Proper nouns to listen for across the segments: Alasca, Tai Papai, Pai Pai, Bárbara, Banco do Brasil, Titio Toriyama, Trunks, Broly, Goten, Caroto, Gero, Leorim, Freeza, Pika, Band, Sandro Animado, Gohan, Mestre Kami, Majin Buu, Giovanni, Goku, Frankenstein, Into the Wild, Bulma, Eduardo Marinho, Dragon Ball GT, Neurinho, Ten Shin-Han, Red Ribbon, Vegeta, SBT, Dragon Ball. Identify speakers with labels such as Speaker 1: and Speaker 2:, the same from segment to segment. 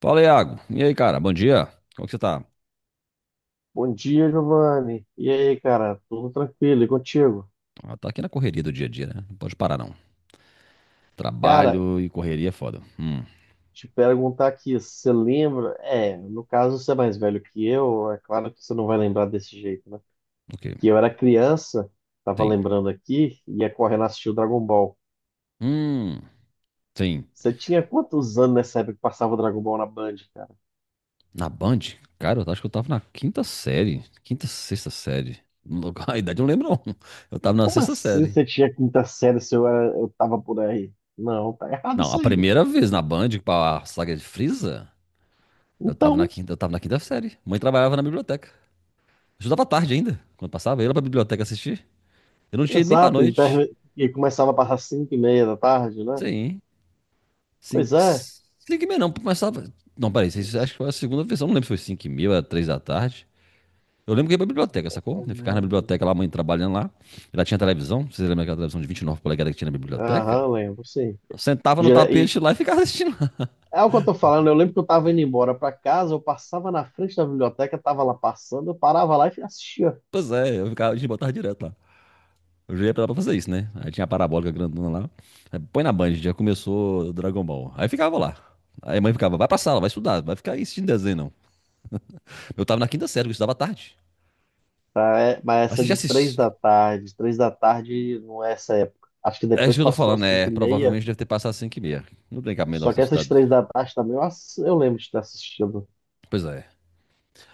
Speaker 1: Fala, Iago. E aí, cara? Bom dia. Como é que você tá?
Speaker 2: Bom dia, Giovanni. E aí, cara? Tudo tranquilo? E contigo?
Speaker 1: Ah, tá aqui na correria do dia a dia, né? Não pode parar, não.
Speaker 2: Cara,
Speaker 1: Trabalho e correria é foda.
Speaker 2: te perguntar aqui, você lembra? É, no caso você é mais velho que eu, é claro que você não vai lembrar desse jeito, né?
Speaker 1: Ok.
Speaker 2: Que eu era criança, tava
Speaker 1: Tem.
Speaker 2: lembrando aqui, ia correndo assistir o Dragon Ball.
Speaker 1: Hum, tem.
Speaker 2: Você tinha quantos anos nessa época que passava o Dragon Ball na Band, cara?
Speaker 1: Na Band? Cara, eu acho que eu tava na quinta série. Quinta, sexta série. A idade eu não lembro, não. Eu tava na
Speaker 2: Como
Speaker 1: sexta
Speaker 2: assim
Speaker 1: série.
Speaker 2: você tinha quinta série se eu tava por aí? Não, tá errado
Speaker 1: Não,
Speaker 2: isso
Speaker 1: a
Speaker 2: aí.
Speaker 1: primeira vez na Band, pra saga de Frieza,
Speaker 2: Então,
Speaker 1: eu tava na quinta série. Mãe trabalhava na biblioteca. Eu estudava à tarde ainda, quando passava. Eu ia lá pra biblioteca assistir. Eu não tinha ido nem pra
Speaker 2: exato, e,
Speaker 1: noite.
Speaker 2: termi- e começava a passar 5:30 da tarde, né?
Speaker 1: Sim.
Speaker 2: Pois
Speaker 1: 5
Speaker 2: é.
Speaker 1: 5 e meia não, começava. Não, peraí, acho que foi a segunda versão, não lembro se foi 5h30, era 3 da tarde. Eu lembro que ia pra biblioteca, sacou? Eu ficava na
Speaker 2: Aham,
Speaker 1: biblioteca lá, a mãe trabalhando lá. Ela tinha televisão, vocês lembram daquela televisão de 29 polegadas que tinha na biblioteca?
Speaker 2: lembro, sim.
Speaker 1: Eu sentava no
Speaker 2: E
Speaker 1: tapete lá e ficava assistindo lá.
Speaker 2: é o que eu tô falando, eu lembro que eu tava indo embora pra casa, eu passava na frente da biblioteca, tava lá passando, eu parava lá e assistia.
Speaker 1: Pois é, eu ficava, a gente botava direto lá. Eu já ia pra lá pra fazer isso, né? Aí tinha a parabólica grandona lá. Aí, põe na Band, já começou Dragon Ball. Aí ficava lá. Aí a mãe ficava, vai pra sala, vai estudar, vai ficar aí assistindo desenho, não. Eu tava na quinta série, eu estudava à tarde.
Speaker 2: Tá, mas
Speaker 1: Mas
Speaker 2: essa
Speaker 1: você já
Speaker 2: de
Speaker 1: assistiu?
Speaker 2: três da tarde não é essa época. Acho que
Speaker 1: É isso
Speaker 2: depois
Speaker 1: que eu tô
Speaker 2: passou
Speaker 1: falando,
Speaker 2: cinco
Speaker 1: é.
Speaker 2: e meia,
Speaker 1: Provavelmente deve ter passado 5h30. Não tem cabimento
Speaker 2: só
Speaker 1: nós ter
Speaker 2: que essas
Speaker 1: estudado.
Speaker 2: três da tarde também eu lembro de ter assistido.
Speaker 1: Pois é.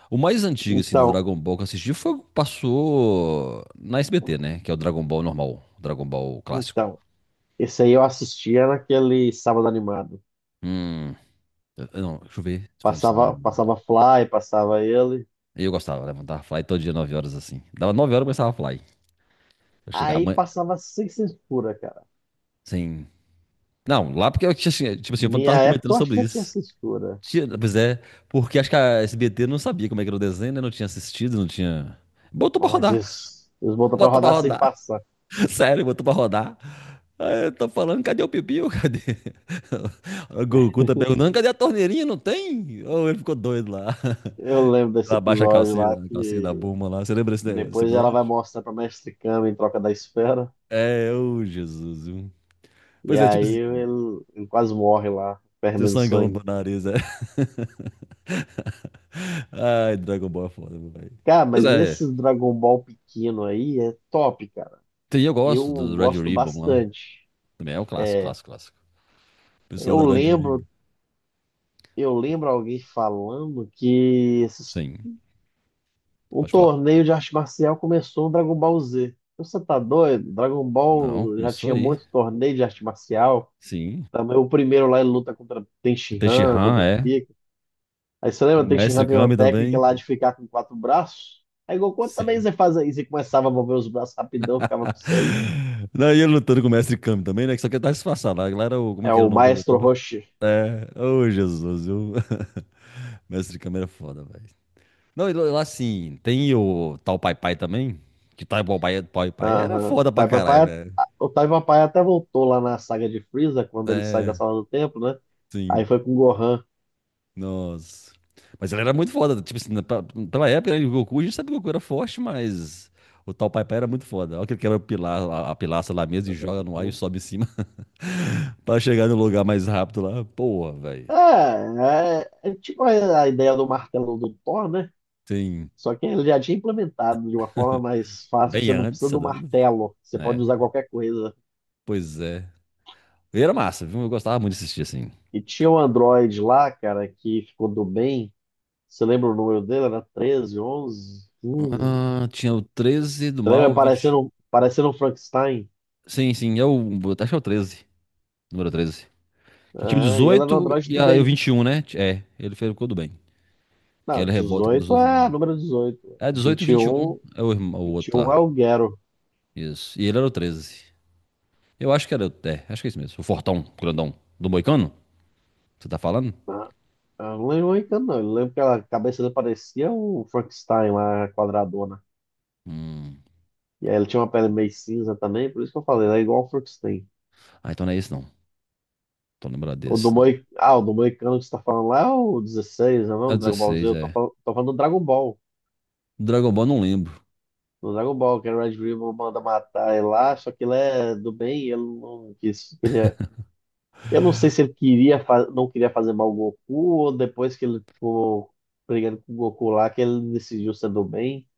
Speaker 1: O mais antigo, assim, do
Speaker 2: Então,
Speaker 1: Dragon Ball que eu assisti foi o que passou na SBT, né? Que é o Dragon Ball normal, o Dragon Ball clássico.
Speaker 2: então, esse aí eu assistia naquele sábado animado.
Speaker 1: Hum. Eu Não, deixa eu ver se foi no Sandro
Speaker 2: Passava,
Speaker 1: Animado.
Speaker 2: passava Fly, passava ele.
Speaker 1: Eu gostava, levantava fly todo dia 9h, assim. Dava 9h e começava a fly. Eu chegava
Speaker 2: Aí
Speaker 1: amanhã.
Speaker 2: passava sem censura, cara.
Speaker 1: Sim. Não, lá porque eu tinha, assim, tipo assim, eu
Speaker 2: Minha
Speaker 1: tava
Speaker 2: época
Speaker 1: comentando
Speaker 2: eu acho que
Speaker 1: sobre
Speaker 2: já tinha
Speaker 1: isso.
Speaker 2: censura.
Speaker 1: Tinha, pois é, porque acho que a SBT não sabia como é que era o desenho, né? Não tinha assistido, não tinha. Botou pra
Speaker 2: Mas
Speaker 1: rodar.
Speaker 2: eles botam pra
Speaker 1: Botou pra
Speaker 2: rodar sem
Speaker 1: rodar.
Speaker 2: passar.
Speaker 1: Sério, botou pra rodar. Aí eu tô falando, cadê o pipiu? Cadê? O Goku tá perguntando, cadê a torneirinha? Não tem? Ou ele ficou doido lá.
Speaker 2: Eu lembro desse
Speaker 1: Ela baixa
Speaker 2: episódio lá
Speaker 1: a calcinha da
Speaker 2: que
Speaker 1: Bulma lá. Você lembra desse
Speaker 2: depois ela vai
Speaker 1: episódio?
Speaker 2: mostrar pra Mestre Kame em troca da esfera.
Speaker 1: É, ô Jesus, viu?
Speaker 2: E
Speaker 1: Pois é,
Speaker 2: aí
Speaker 1: tipo,
Speaker 2: ele quase morre lá,
Speaker 1: seu
Speaker 2: perdendo
Speaker 1: sangão no
Speaker 2: sangue.
Speaker 1: nariz, é. Ai, Dragon Ball é foda, meu velho.
Speaker 2: Cara,
Speaker 1: Pois
Speaker 2: mas
Speaker 1: é,
Speaker 2: esse Dragon Ball pequeno aí é top, cara.
Speaker 1: tem, eu gosto
Speaker 2: Eu
Speaker 1: do Red
Speaker 2: gosto
Speaker 1: Ribbon lá.
Speaker 2: bastante.
Speaker 1: Também é o clássico,
Speaker 2: É,
Speaker 1: clássico, clássico. Pessoal
Speaker 2: eu
Speaker 1: da Red Ribbon.
Speaker 2: lembro, eu lembro alguém falando que esses
Speaker 1: Sim,
Speaker 2: Um
Speaker 1: pode falar.
Speaker 2: torneio de arte marcial começou no Dragon Ball Z. Então, você tá doido? Dragon
Speaker 1: Não,
Speaker 2: Ball já
Speaker 1: começou
Speaker 2: tinha
Speaker 1: aí.
Speaker 2: muito torneio de arte marcial.
Speaker 1: Sim.
Speaker 2: Também o primeiro lá ele luta contra Ten
Speaker 1: Teixe
Speaker 2: Shin-Han, contra
Speaker 1: é.
Speaker 2: Pika. Aí você
Speaker 1: Com
Speaker 2: lembra,
Speaker 1: o
Speaker 2: Ten
Speaker 1: mestre
Speaker 2: Shin-Han tem uma
Speaker 1: Kami
Speaker 2: técnica
Speaker 1: também?
Speaker 2: lá de ficar com quatro braços? Aí Goku também
Speaker 1: Sim.
Speaker 2: você faz isso e começava a mover os braços rapidão, ficava com seis.
Speaker 1: Não, e ele lutando com o mestre Kami também, né? Que só quer dar disfarçado lá. Lá era o. Como é
Speaker 2: É
Speaker 1: que era o
Speaker 2: o
Speaker 1: nome que ele
Speaker 2: Maestro
Speaker 1: botou lá?
Speaker 2: Roshi.
Speaker 1: É. Ô, Jesus, viu? Mestre Kami era foda, velho. Não, e lá assim, tem o tal Pai Pai também? Que tal Pai Pai Pai era
Speaker 2: Aham. O
Speaker 1: foda pra
Speaker 2: Tai
Speaker 1: caralho,
Speaker 2: Papai,
Speaker 1: velho.
Speaker 2: o Tai Papai até voltou lá na saga de Freeza, quando ele sai da
Speaker 1: É,
Speaker 2: sala do tempo, né? Aí
Speaker 1: sim.
Speaker 2: foi com o Gohan.
Speaker 1: Nossa. Mas ele era muito foda. Tipo assim, pela época, né, o Goku, a gente sabe que o Goku era forte, mas o tal Pai Pai era muito foda. Olha que ele quebra o pilar, a pilastra lá mesmo e joga no ar e sobe em cima. Pra chegar no lugar mais rápido lá, porra, velho.
Speaker 2: É, é, tipo a ideia do martelo do Thor, né?
Speaker 1: Sim,
Speaker 2: Só que ele já tinha implementado de uma forma mais fácil, que
Speaker 1: bem
Speaker 2: você não
Speaker 1: antes,
Speaker 2: precisa
Speaker 1: você é
Speaker 2: do
Speaker 1: doido?
Speaker 2: martelo, você pode
Speaker 1: É,
Speaker 2: usar qualquer coisa.
Speaker 1: pois é. E era massa, viu? Eu gostava muito de assistir assim.
Speaker 2: E tinha um Android lá, cara, que ficou do bem. Você lembra o número dele? Era 13, 11. 15.
Speaker 1: Ah, tinha o 13 do
Speaker 2: Você lembra
Speaker 1: Malvich.
Speaker 2: parecendo um Frankenstein?
Speaker 1: Sim, sim, é o. Acho que é o 13, número 13. Que tinha o
Speaker 2: Aham, e ele era um
Speaker 1: 18
Speaker 2: Android
Speaker 1: e
Speaker 2: do
Speaker 1: e o
Speaker 2: bem.
Speaker 1: 21, né? É, ele fez tudo bem. Que
Speaker 2: Não,
Speaker 1: ele revolta contra os
Speaker 2: 18.
Speaker 1: outros do
Speaker 2: É
Speaker 1: bem.
Speaker 2: número 18.
Speaker 1: É, 18 e 21
Speaker 2: 21,
Speaker 1: é o o outro
Speaker 2: 21 é
Speaker 1: lá.
Speaker 2: o Gero,
Speaker 1: Isso. E ele era o 13. Eu acho que era o. É, acho que é isso mesmo. O Fortão, grandão. Do Moicano? Você tá falando?
Speaker 2: né? Eu não lembro muito, não. Eu lembro que a cabeça dele parecia o Frankenstein lá, a quadradona.
Speaker 1: Hum.
Speaker 2: E aí ele tinha uma pele meio cinza também, por isso que eu falei, ele é igual o Frankenstein.
Speaker 1: Ah, então não é esse não. Tô lembrado desse, não.
Speaker 2: Ah, o do Moicano que você tá falando lá é o 16, não é
Speaker 1: É
Speaker 2: o Dragon Ball Z?
Speaker 1: 16
Speaker 2: Eu tô
Speaker 1: é.
Speaker 2: falando, tô falando do Dragon Ball.
Speaker 1: Dragon Ball não lembro.
Speaker 2: Do Dragon Ball, que o Red Ribbon manda matar ele lá, só que ele é do bem, ele não quis, queria... Eu não sei se ele não queria fazer mal ao Goku, ou depois que ele ficou brigando com o Goku lá, que ele decidiu ser do bem.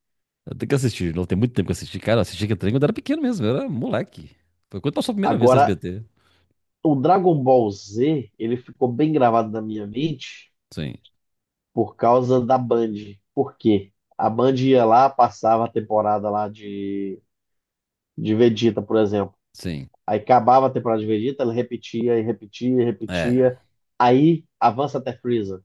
Speaker 1: Eu tenho que assistir, não tem muito tempo que eu assisti. Cara, eu assisti que trem quando eu era pequeno mesmo, eu era moleque. Foi quando passou a primeira vez no
Speaker 2: Agora,
Speaker 1: SBT.
Speaker 2: o Dragon Ball Z, ele ficou bem gravado na minha mente
Speaker 1: Sim,
Speaker 2: por causa da Band. Por quê? A Band ia lá, passava a temporada lá de Vegeta, por exemplo.
Speaker 1: sim.
Speaker 2: Aí acabava a temporada de Vegeta, ele repetia e repetia e
Speaker 1: É,
Speaker 2: repetia. Aí avança até Freeza.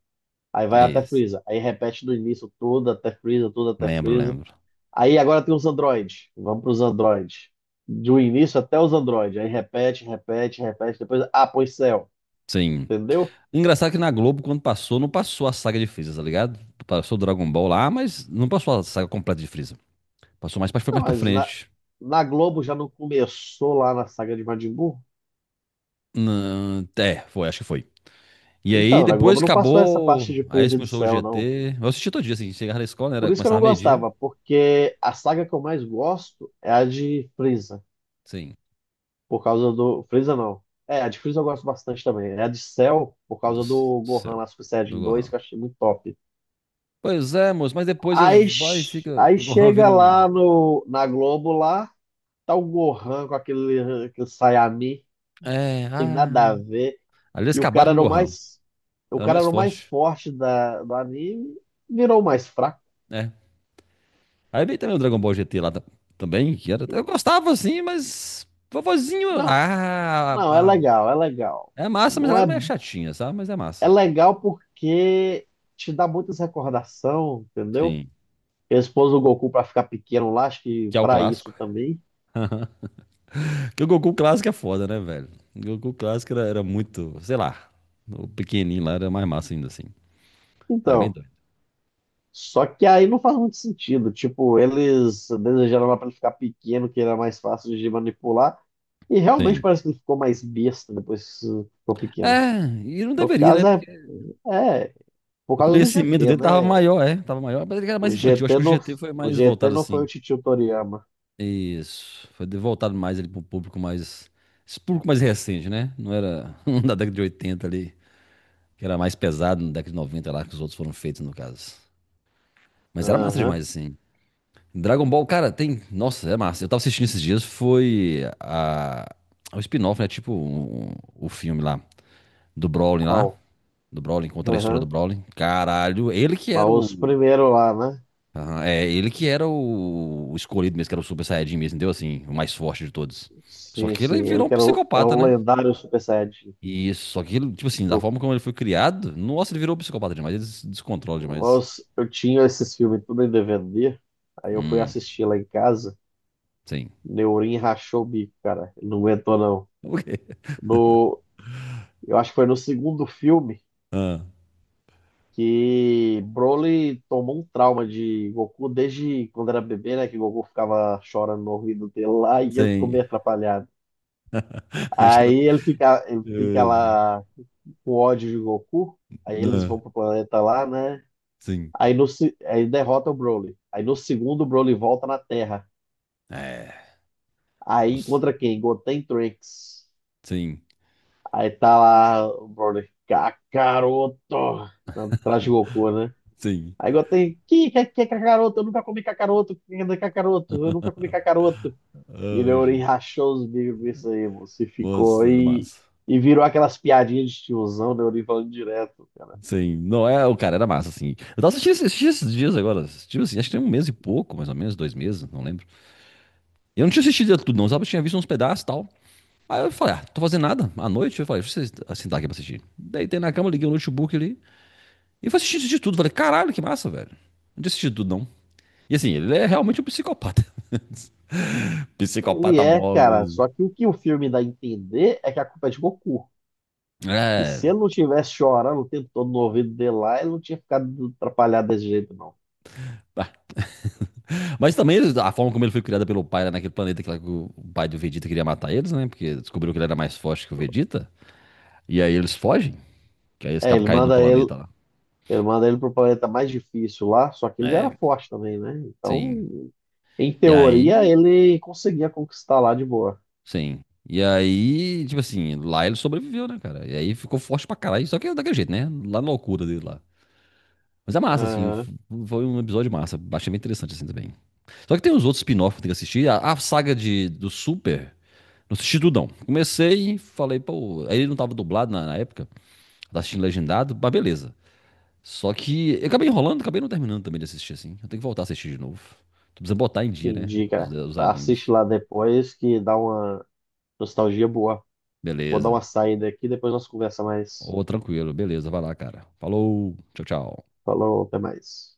Speaker 2: Aí vai até
Speaker 1: isso.
Speaker 2: Freeza. Aí repete do início tudo, até Freeza, tudo até
Speaker 1: Lembro,
Speaker 2: Freeza.
Speaker 1: lembro.
Speaker 2: Aí agora tem os Android. Vamos para os Android. Do início até os Android. Aí repete, repete, repete. Depois, ah, pois céu.
Speaker 1: Sim.
Speaker 2: Entendeu?
Speaker 1: Engraçado que na Globo, quando passou, não passou a saga de Freeza, tá ligado? Passou o Dragon Ball lá, mas não passou a saga completa de Freeza. Foi
Speaker 2: Não,
Speaker 1: mais pra
Speaker 2: mas na,
Speaker 1: frente.
Speaker 2: na Globo já não começou lá na saga de Majin Buu?
Speaker 1: Não, é, foi, acho que foi. E aí,
Speaker 2: Então, na Globo
Speaker 1: depois que
Speaker 2: não passou essa parte
Speaker 1: acabou.
Speaker 2: de
Speaker 1: Aí
Speaker 2: presa de
Speaker 1: começou o
Speaker 2: céu, não.
Speaker 1: GT. Eu assisti todo dia, assim. Chegava na escola, né,
Speaker 2: Por
Speaker 1: era,
Speaker 2: isso que eu não
Speaker 1: começava meio-dia.
Speaker 2: gostava, porque a saga que eu mais gosto é a de Frieza,
Speaker 1: Sim.
Speaker 2: por causa do... Frieza não. É, a de Frieza eu gosto bastante também. É a de Cell, por causa do
Speaker 1: Do
Speaker 2: Gohan
Speaker 1: céu,
Speaker 2: lá, Super
Speaker 1: do
Speaker 2: Saiyajin 2,
Speaker 1: Gohan.
Speaker 2: que eu achei muito top.
Speaker 1: Pois é, moço, mas depois eles
Speaker 2: Aí,
Speaker 1: vai e
Speaker 2: ch-
Speaker 1: fica.
Speaker 2: aí
Speaker 1: O Gohan vira
Speaker 2: chega
Speaker 1: um.
Speaker 2: lá no, na Globo, lá tá o Gohan com aquele Sayami,
Speaker 1: É,
Speaker 2: tem nada a
Speaker 1: ah.
Speaker 2: ver.
Speaker 1: Ali eles
Speaker 2: E o cara
Speaker 1: acabaram com
Speaker 2: era o
Speaker 1: o Gohan.
Speaker 2: mais, o
Speaker 1: Era o
Speaker 2: cara
Speaker 1: mais
Speaker 2: era o mais
Speaker 1: forte.
Speaker 2: forte do anime, virou o mais fraco.
Speaker 1: É. Aí veio também o Dragon Ball GT lá também, que era. Eu gostava assim, mas. Vovozinho.
Speaker 2: Não,
Speaker 1: Ah,
Speaker 2: não, é
Speaker 1: ah,
Speaker 2: legal, é legal.
Speaker 1: é massa, mas
Speaker 2: Não
Speaker 1: ela
Speaker 2: é,
Speaker 1: era meio chatinha, sabe? Mas é
Speaker 2: é
Speaker 1: massa.
Speaker 2: legal porque te dá muitas recordação, entendeu?
Speaker 1: Sim.
Speaker 2: Eles pôs o Goku pra ficar pequeno lá, acho que
Speaker 1: Que é o
Speaker 2: pra isso
Speaker 1: clássico.
Speaker 2: também.
Speaker 1: Porque o Goku clássico é foda, né, velho? O Goku clássico era muito, sei lá, o pequenininho lá era mais massa ainda assim. Era bem
Speaker 2: Então,
Speaker 1: doido.
Speaker 2: só que aí não faz muito sentido. Tipo, eles desejaram lá pra ele ficar pequeno, que era mais fácil de manipular. E realmente
Speaker 1: Sim.
Speaker 2: parece que ele ficou mais besta depois que ficou pequeno.
Speaker 1: É, e não
Speaker 2: No
Speaker 1: deveria, né?
Speaker 2: caso,
Speaker 1: Porque
Speaker 2: é, Por
Speaker 1: o
Speaker 2: causa do
Speaker 1: conhecimento
Speaker 2: GT,
Speaker 1: dele tava
Speaker 2: né?
Speaker 1: maior, é, tava maior, mas ele era mais
Speaker 2: O
Speaker 1: infantil. Acho
Speaker 2: GT
Speaker 1: que o
Speaker 2: não,
Speaker 1: GT foi mais
Speaker 2: o GT
Speaker 1: voltado
Speaker 2: não foi o
Speaker 1: assim.
Speaker 2: Titio Toriyama.
Speaker 1: Isso, voltado mais ali pro público mais, esse público mais recente, né? Não era um da década de 80 ali, que era mais pesado, na década de 90 lá que os outros foram feitos no caso. Mas era massa
Speaker 2: Aham.
Speaker 1: demais assim. Dragon Ball, cara, tem, nossa, é massa. Eu tava assistindo esses dias, foi a o spin-off, né? Tipo o filme lá,
Speaker 2: Qual?
Speaker 1: do Broly contra a história do
Speaker 2: Aham.
Speaker 1: Broly. Caralho, ele que
Speaker 2: Mas
Speaker 1: era o
Speaker 2: os primeiros lá, né?
Speaker 1: Aham, É, ele que era o escolhido mesmo, que era o Super Saiyajin mesmo, entendeu? Assim, o mais forte de todos. Só
Speaker 2: Sim,
Speaker 1: que ele
Speaker 2: sim. Ele
Speaker 1: virou um
Speaker 2: que era o, era
Speaker 1: psicopata,
Speaker 2: o
Speaker 1: né?
Speaker 2: lendário Super Saiyajin.
Speaker 1: E isso, só que ele, tipo assim, da
Speaker 2: No,
Speaker 1: forma como ele foi criado, nossa, ele virou um psicopata demais, ele se descontrola demais.
Speaker 2: nós- Eu tinha esses filmes tudo em DVD. Aí eu fui
Speaker 1: Hum,
Speaker 2: assistir lá em casa.
Speaker 1: sim.
Speaker 2: Neurinho rachou o bico, cara. Ele não aguentou, não.
Speaker 1: O quê?
Speaker 2: No, eu acho que foi no segundo filme, que Broly tomou um trauma de Goku desde quando era bebê, né? Que Goku ficava chorando no ouvido dele lá e ele ficou
Speaker 1: Sim.
Speaker 2: meio atrapalhado.
Speaker 1: Já-
Speaker 2: Aí ele fica
Speaker 1: É,
Speaker 2: lá com ódio de Goku, aí eles
Speaker 1: não,
Speaker 2: vão pro planeta lá, né?
Speaker 1: sim.
Speaker 2: Aí, no, se- aí derrota o Broly. Aí no segundo, o Broly volta na Terra.
Speaker 1: É.
Speaker 2: Aí
Speaker 1: Nossa,
Speaker 2: encontra quem? Goten e Trunks.
Speaker 1: sim,
Speaker 2: Aí tá lá o Broly. " Caroto! Atrás de Goku, né?
Speaker 1: sim.
Speaker 2: Aí igual tem, que é cacaroto, eu nunca comi cacaroto, cacaroto, eu nunca comi cacaroto. E Leorim
Speaker 1: Hoje.
Speaker 2: rachou os bicos com isso aí, moço, e
Speaker 1: Nossa,
Speaker 2: ficou,
Speaker 1: era
Speaker 2: e,
Speaker 1: massa.
Speaker 2: e virou aquelas piadinhas de tiozão, Leorim falando direto, cara.
Speaker 1: Sim, não é, o cara era massa, assim. Eu tava assistindo, esses assisti esses dias agora, assisti, assim, acho que tem um mês e pouco, mais ou menos, 2 meses, não lembro. Eu não tinha assistido tudo, não, sabe? Eu tinha visto uns pedaços e tal. Aí eu falei, ah, tô fazendo nada. À noite, eu falei, deixa eu sentar aqui pra assistir. Deitei na cama, liguei o notebook ali. E fui assistir, assisti tudo. Falei, caralho, que massa, velho. Não tinha assistido tudo, não. E assim, ele é realmente um psicopata.
Speaker 2: Ele
Speaker 1: Psicopata
Speaker 2: é,
Speaker 1: mó
Speaker 2: cara,
Speaker 1: mesmo.
Speaker 2: só que o filme dá a entender é que a culpa é de Goku. Que
Speaker 1: É.
Speaker 2: se ele não tivesse chorando o tempo todo no ouvido dele lá, ele não tinha ficado atrapalhado desse jeito, não.
Speaker 1: Tá. Mas também a forma como ele foi criado pelo pai lá naquele planeta lá que o pai do Vegeta queria matar eles, né? Porque descobriu que ele era mais forte que o Vegeta. E aí eles fogem, que aí eles
Speaker 2: É.
Speaker 1: acabam
Speaker 2: ele
Speaker 1: caindo no
Speaker 2: manda ele
Speaker 1: planeta lá.
Speaker 2: Ele manda ele pro planeta mais difícil lá, só que ele já era
Speaker 1: É.
Speaker 2: forte também, né?
Speaker 1: Sim.
Speaker 2: Então, em
Speaker 1: E
Speaker 2: teoria,
Speaker 1: aí,
Speaker 2: ele conseguia conquistar lá de boa.
Speaker 1: sim. E aí, tipo assim, lá ele sobreviveu, né, cara? E aí ficou forte pra caralho, só que é daquele jeito, né? Lá na loucura dele lá. Mas é massa, assim,
Speaker 2: Aham,
Speaker 1: foi um episódio massa. Achei bem interessante, assim, também. Só que tem uns outros spin-off que tem que assistir. A saga do Super, não assisti tudo, não. Comecei, e falei, pô. Aí ele não tava dublado na época, tava assistindo legendado, mas beleza. Só que eu acabei enrolando, acabei não terminando também de assistir assim. Eu tenho que voltar a assistir de novo. Tu precisa botar em dia, né?
Speaker 2: entendi,
Speaker 1: Os,
Speaker 2: cara.
Speaker 1: os
Speaker 2: Assiste
Speaker 1: animes.
Speaker 2: lá depois que dá uma nostalgia boa. Vou dar uma
Speaker 1: Beleza.
Speaker 2: saída aqui, depois nós conversa mais.
Speaker 1: Ô, tranquilo, beleza, vai lá, cara. Falou, tchau, tchau.
Speaker 2: Falou, até mais.